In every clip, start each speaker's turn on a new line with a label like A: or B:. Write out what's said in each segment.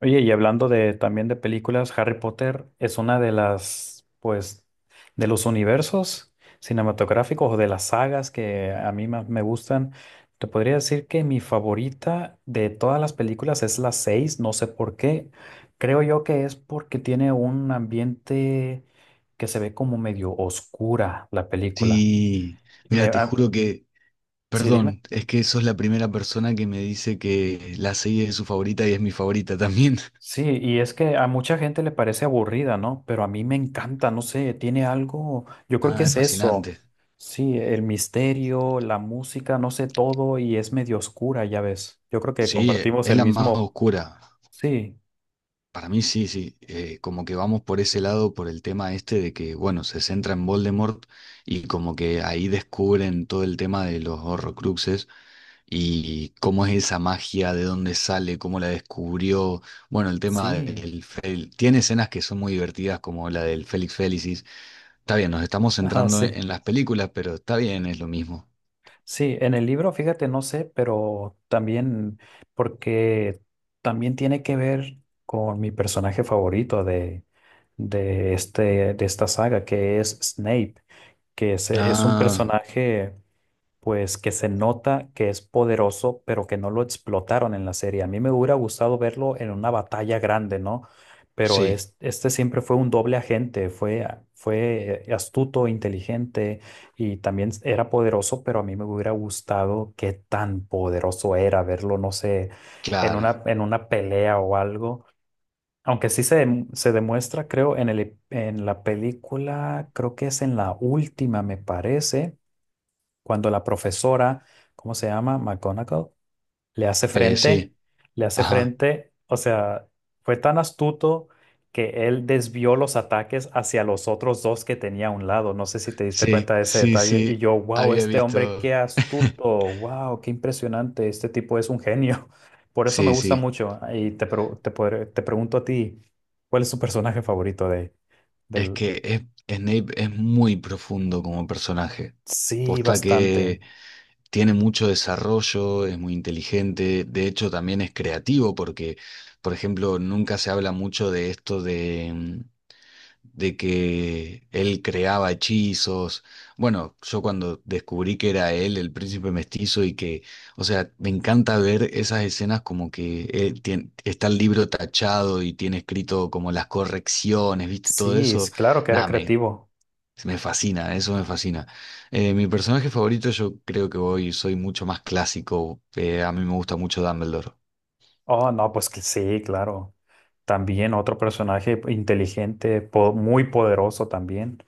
A: Oye, y hablando de también de películas, Harry Potter es una de las, pues, de los universos cinematográficos o de las sagas que a mí más me gustan. Te podría decir que mi favorita de todas las películas es la 6. No sé por qué. Creo yo que es porque tiene un ambiente que se ve como medio oscura la película.
B: Sí,
A: Me,
B: mira, te
A: ah,
B: juro que,
A: sí, dime.
B: perdón, es que sos la primera persona que me dice que la serie es su favorita y es mi favorita también.
A: Sí, y es que a mucha gente le parece aburrida, ¿no? Pero a mí me encanta, no sé, tiene algo, yo creo que
B: Nada,
A: es
B: es
A: eso,
B: fascinante.
A: sí, el misterio, la música, no sé, todo, y es medio oscura, ya ves. Yo creo que
B: Sí,
A: compartimos
B: es
A: el
B: la más
A: mismo,
B: oscura.
A: sí,
B: Para mí sí, sí, como que vamos por ese lado, por el tema este de que, bueno, se centra en Voldemort y como que ahí descubren todo el tema de los Horrocruxes y cómo es esa magia, de dónde sale, cómo la descubrió, bueno, el tema
A: sí,
B: del... fel- tiene escenas que son muy divertidas como la del Félix Felicis. Está bien, nos estamos
A: ah,
B: centrando
A: sí,
B: en las películas, pero está bien, es lo mismo.
A: sí, en el libro, fíjate, no sé, pero también, porque también tiene que ver con mi personaje favorito de esta saga, que es Snape. Es un
B: Ah,
A: personaje pues que se nota que es poderoso, pero que no lo explotaron en la serie. A mí me hubiera gustado verlo en una batalla grande, ¿no? Pero
B: sí,
A: este siempre fue un doble agente, fue astuto, inteligente y también era poderoso, pero a mí me hubiera gustado qué tan poderoso era verlo, no sé, en
B: claro,
A: una pelea o algo. Aunque sí se demuestra, creo, en en la película, creo que es en la última, me parece, cuando la profesora, ¿cómo se llama? McGonagall le hace frente,
B: sí,
A: le hace
B: ajá.
A: frente, o sea, fue tan astuto que él desvió los ataques hacia los otros dos que tenía a un lado. No sé si te diste cuenta
B: Sí,
A: de ese
B: sí,
A: detalle. Y
B: sí,
A: yo, wow,
B: había
A: este hombre,
B: visto.
A: qué astuto, wow, qué impresionante, este tipo es un genio. Por eso me
B: Sí,
A: gusta
B: sí.
A: mucho. Ah, y te pregunto a ti, ¿cuál es tu personaje favorito
B: Es
A: del...
B: que es- Snape es muy profundo como personaje.
A: Sí,
B: Posta
A: bastante.
B: que tiene mucho desarrollo, es muy inteligente, de hecho también es creativo porque, por ejemplo, nunca se habla mucho de esto de que él creaba hechizos. Bueno, yo cuando descubrí que era él, el príncipe mestizo, y que, o sea, me encanta ver esas escenas como que está el libro tachado y tiene escrito como las correcciones, ¿viste? Todo
A: Sí, es
B: eso,
A: claro que era
B: nada, me,
A: creativo.
B: me fascina, eso me fascina. Mi personaje favorito, yo creo que hoy soy mucho más clásico, a mí me gusta mucho Dumbledore.
A: Oh, no, pues que sí, claro. También otro personaje inteligente, muy poderoso también.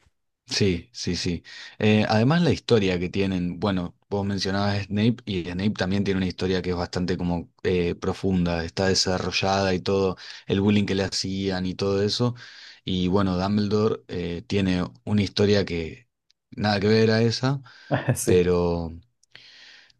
B: Sí, sí, sí. Además la historia que tienen, bueno, vos mencionabas a Snape y Snape también tiene una historia que es bastante como profunda, está desarrollada y todo, el bullying que le hacían y todo eso. Y bueno, Dumbledore tiene una historia que nada que ver a esa,
A: Sí,
B: pero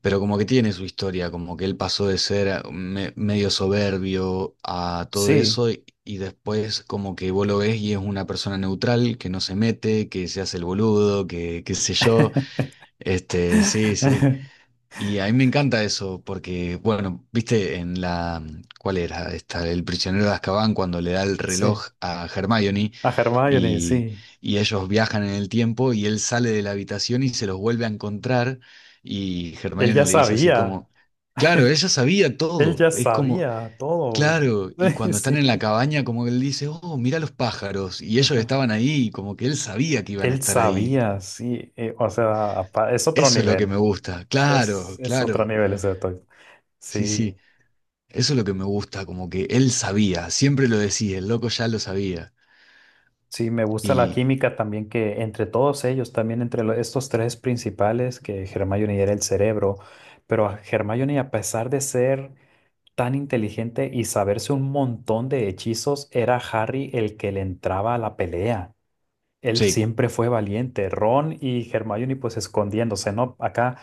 B: como que tiene su historia, como que él pasó de ser medio soberbio a todo
A: sí.
B: eso y después como que vos lo ves y es una persona neutral, que no se mete, que se hace el boludo, que qué sé yo. Sí, sí. Y a mí me encanta eso, porque, bueno, viste en la, ¿cuál era? Esta, El prisionero de Azkaban, cuando le da el
A: Sí.
B: reloj a Hermione
A: A Hermione,
B: y,
A: sí.
B: ellos viajan en el tiempo y él sale de la habitación y se los vuelve a encontrar y
A: Él
B: Hermione
A: ya
B: le dice así
A: sabía.
B: como, claro, ella sabía
A: Él
B: todo,
A: ya
B: es como,
A: sabía todo.
B: claro, y cuando están en
A: Sí.
B: la cabaña como que él dice, oh, mira los pájaros, y ellos
A: Ajá.
B: estaban ahí, como que él sabía que iban a
A: Él
B: estar ahí.
A: sabía, sí. O sea, es otro
B: Eso es lo que
A: nivel.
B: me gusta, claro,
A: Es otro
B: claro,
A: nivel ese actor.
B: sí,
A: Sí.
B: sí. Eso es lo que me gusta, como que él sabía, siempre lo decía, el loco ya lo sabía.
A: Sí, me gusta la
B: Y
A: química también que entre todos ellos, también entre estos tres principales, que Hermione era el cerebro, pero a Hermione a pesar de ser tan inteligente y saberse un montón de hechizos, era Harry el que le entraba a la pelea. Él
B: sí,
A: siempre fue valiente, Ron y Hermione pues escondiéndose, ¿no? Acá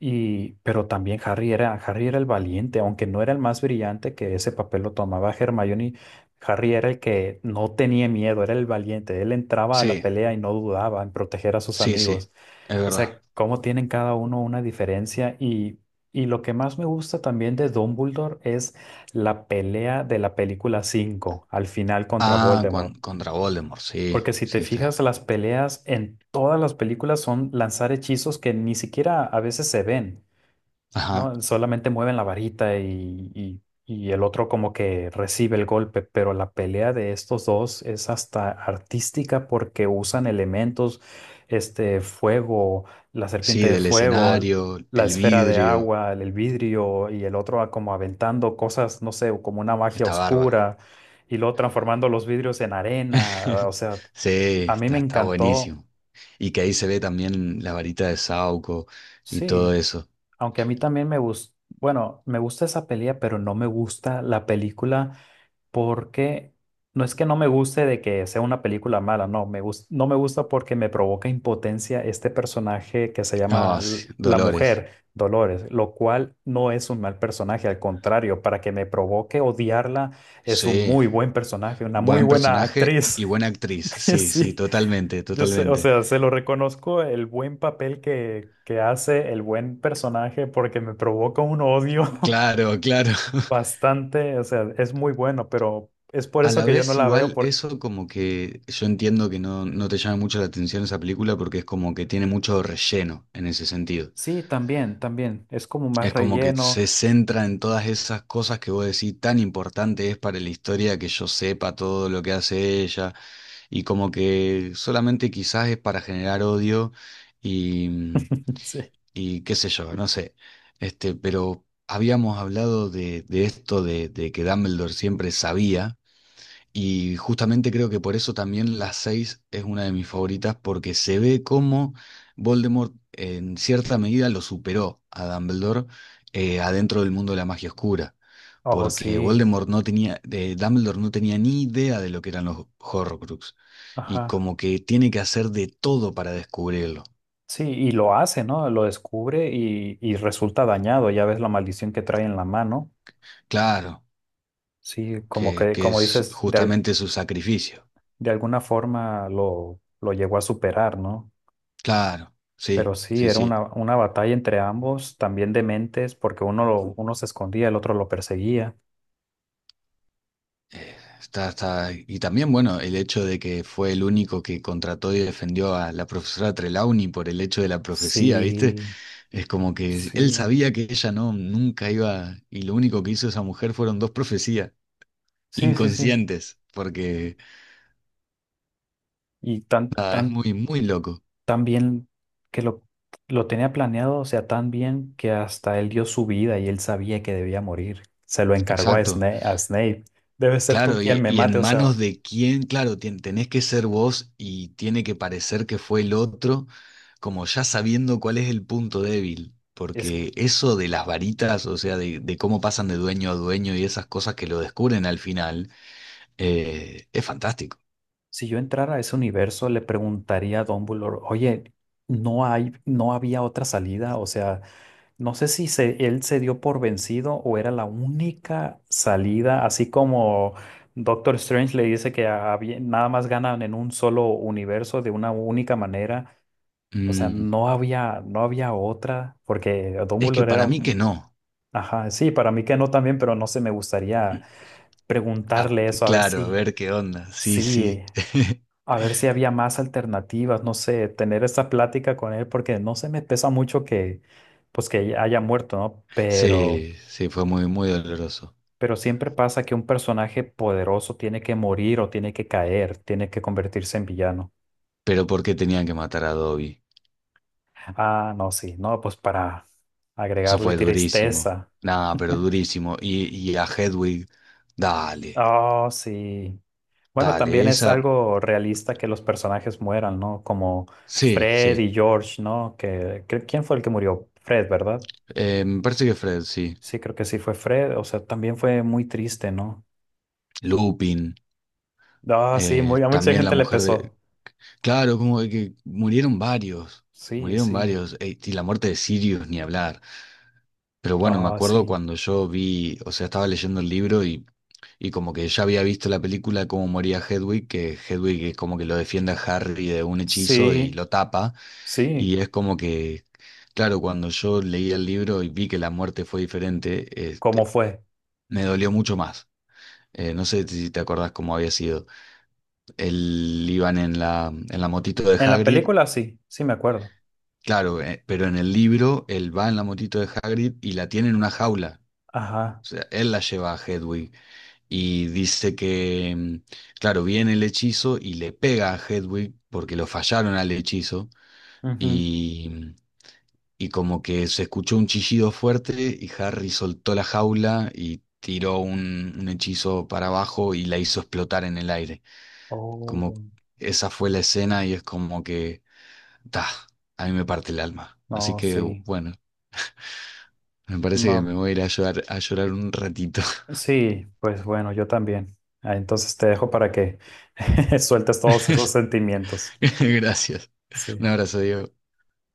A: y, pero también Harry era el valiente, aunque no era el más brillante que ese papel lo tomaba Hermione. Harry era el que no tenía miedo, era el valiente. Él entraba a la
B: sí,
A: pelea y no dudaba en proteger a sus
B: sí, sí,
A: amigos.
B: es
A: O
B: verdad.
A: sea, cómo tienen cada uno una diferencia. Y lo que más me gusta también de Dumbledore es la pelea de la película 5 al final contra
B: Ah,
A: Voldemort.
B: contra Voldemort, sí,
A: Porque si te
B: sí está.
A: fijas, las peleas en todas las películas son lanzar hechizos que ni siquiera a veces se ven.
B: Ajá,
A: No, solamente mueven la varita y el otro como que recibe el golpe, pero la pelea de estos dos es hasta artística porque usan elementos, este fuego, la serpiente
B: sí,
A: de
B: del
A: fuego,
B: escenario,
A: la
B: el
A: esfera de
B: vidrio,
A: agua, el vidrio y el otro como aventando cosas, no sé, como una magia
B: está bárbaro.
A: oscura y luego transformando los vidrios en arena. O sea,
B: Sí,
A: a mí me
B: está
A: encantó,
B: buenísimo. Y que ahí se ve también la varita de Sauco y todo
A: sí.
B: eso.
A: Aunque a mí también me gusta, bueno, me gusta esa pelea, pero no me gusta la película porque no es que no me guste de que sea una película mala, no, no me gusta porque me provoca impotencia este personaje que se llama
B: Ah, sí,
A: la
B: Dolores,
A: mujer, Dolores, lo cual no es un mal personaje, al contrario, para que me provoque odiarla, es un
B: sí,
A: muy buen personaje, una muy
B: buen
A: buena
B: personaje
A: actriz.
B: y buena actriz, sí, sí,
A: Sí.
B: totalmente,
A: Yo sé, o
B: totalmente.
A: sea, se lo reconozco el buen papel que hace, el buen personaje, porque me provoca un odio
B: Claro, claro.
A: bastante, o sea, es muy bueno, pero es por
B: A
A: eso
B: la
A: que yo no
B: vez
A: la veo,
B: igual
A: porque
B: eso como que yo entiendo que no, no te llama mucho la atención esa película porque es como que tiene mucho relleno en ese sentido.
A: sí, también, también, es como más
B: Es como que
A: relleno.
B: se centra en todas esas cosas que vos decís tan importante es para la historia que yo sepa todo lo que hace ella y como que solamente quizás es para generar odio y, mm,
A: Sí.
B: y qué sé yo, no sé. Pero habíamos hablado de esto de que Dumbledore siempre sabía. Y justamente creo que por eso también la 6 es una de mis favoritas, porque se ve cómo Voldemort en cierta medida lo superó a Dumbledore adentro del mundo de la magia oscura.
A: Oh,
B: Porque
A: sí,
B: Voldemort no tenía, Dumbledore no tenía ni idea de lo que eran los Horrocrux. Y
A: ajá.
B: como que tiene que hacer de todo para descubrirlo.
A: Sí, y lo hace, ¿no? Lo descubre y resulta dañado, ya ves la maldición que trae en la mano.
B: Claro,
A: Sí, como
B: que,
A: que,
B: que
A: como
B: es
A: dices,
B: justamente su sacrificio.
A: de alguna forma lo llegó a superar, ¿no?
B: Claro,
A: Pero
B: sí,
A: sí,
B: sí,
A: era
B: sí.
A: una batalla entre ambos, también de mentes, porque uno se escondía, el otro lo perseguía.
B: Eh, Y también, bueno, el hecho de que fue el único que contrató y defendió a la profesora Trelawney por el hecho de la profecía, ¿viste?
A: Sí,
B: Es como que él
A: sí,
B: sabía que ella no, nunca iba, y lo único que hizo esa mujer fueron dos profecías
A: sí, sí, sí.
B: inconscientes, porque
A: Y
B: nada, es muy, muy loco.
A: tan bien que lo tenía planeado, o sea, tan bien que hasta él dio su vida y él sabía que debía morir. Se lo encargó a
B: Exacto.
A: A Snape. Debe ser tú
B: Claro,
A: quien
B: y,
A: me mate.
B: en
A: O
B: manos
A: sea,
B: de quién, claro, tenés que ser vos y tiene que parecer que fue el otro, como ya sabiendo cuál es el punto débil,
A: es,
B: porque eso de las varitas, o sea, de cómo pasan de dueño a dueño y esas cosas que lo descubren al final, es fantástico.
A: si yo entrara a ese universo, le preguntaría a Dumbledore, oye, no había otra salida, o sea. No sé si él se dio por vencido o era la única salida, así como Doctor Strange le dice que había- nada más ganan en un solo universo de una única manera. O sea,
B: Mm,
A: no había otra, porque
B: es que
A: Dumbledore era,
B: para mí que
A: un-
B: no.
A: ajá, sí, para mí que no también, pero no sé, me gustaría
B: Ah,
A: preguntarle eso, a ver
B: claro, a
A: si,
B: ver qué onda. Sí,
A: sí,
B: sí.
A: a ver si había más alternativas, no sé, tener esa plática con él, porque no se me pesa mucho que, pues que haya muerto, ¿no?
B: Sí, sí, fue muy, muy doloroso.
A: Pero siempre pasa que un personaje poderoso tiene que morir o tiene que caer, tiene que convertirse en villano.
B: Pero ¿por qué tenían que matar a Dobby?
A: Ah, no, sí, no, pues para
B: Eso
A: agregarle
B: fue durísimo.
A: tristeza.
B: Nada, pero durísimo. Y a Hedwig, dale,
A: Oh, sí. Bueno, también
B: dale,
A: es
B: esa.
A: algo realista que los personajes mueran, ¿no? Como
B: Sí,
A: Fred
B: sí.
A: y George, ¿no? Que, ¿quién fue el que murió? Fred, ¿verdad?
B: Me parece que Fred, sí.
A: Sí, creo que sí fue Fred. O sea, también fue muy triste, ¿no?
B: Lupin,
A: Ah, sí, muy, a mucha
B: también la
A: gente le
B: mujer de.
A: pesó.
B: Claro, como que murieron varios.
A: Sí,
B: Murieron
A: sí.
B: varios. Y la muerte de Sirius, ni hablar. Pero bueno, me
A: Ah,
B: acuerdo
A: sí.
B: cuando yo vi, o sea, estaba leyendo el libro y, como que ya había visto la película de cómo moría Hedwig, que Hedwig es como que lo defiende a Harry de un hechizo y
A: Sí,
B: lo tapa.
A: sí.
B: Y es como que, claro, cuando yo leí el libro y vi que la muerte fue diferente,
A: ¿Cómo fue?
B: me dolió mucho más. No sé si te acordás cómo había sido. Él iban en la, motito de
A: En la
B: Hagrid,
A: película sí, sí me acuerdo.
B: claro, pero en el libro él va en la motito de Hagrid y la tiene en una jaula.
A: Ajá.
B: O sea, él la lleva a Hedwig y dice que, claro, viene el hechizo y le pega a Hedwig porque lo fallaron al hechizo.
A: Ujú.
B: Y como que se escuchó un chillido fuerte y Harry soltó la jaula y tiró un hechizo para abajo y la hizo explotar en el aire.
A: Oh,
B: Como esa fue la escena y es como que, ta, a mí me parte el alma. Así
A: no,
B: que
A: sí.
B: bueno, me parece que
A: No,
B: me voy a ir a llorar un ratito.
A: sí, pues bueno, yo también. Ah, entonces te dejo para que sueltes todos esos sentimientos.
B: Gracias.
A: Sí.
B: Un abrazo, Diego.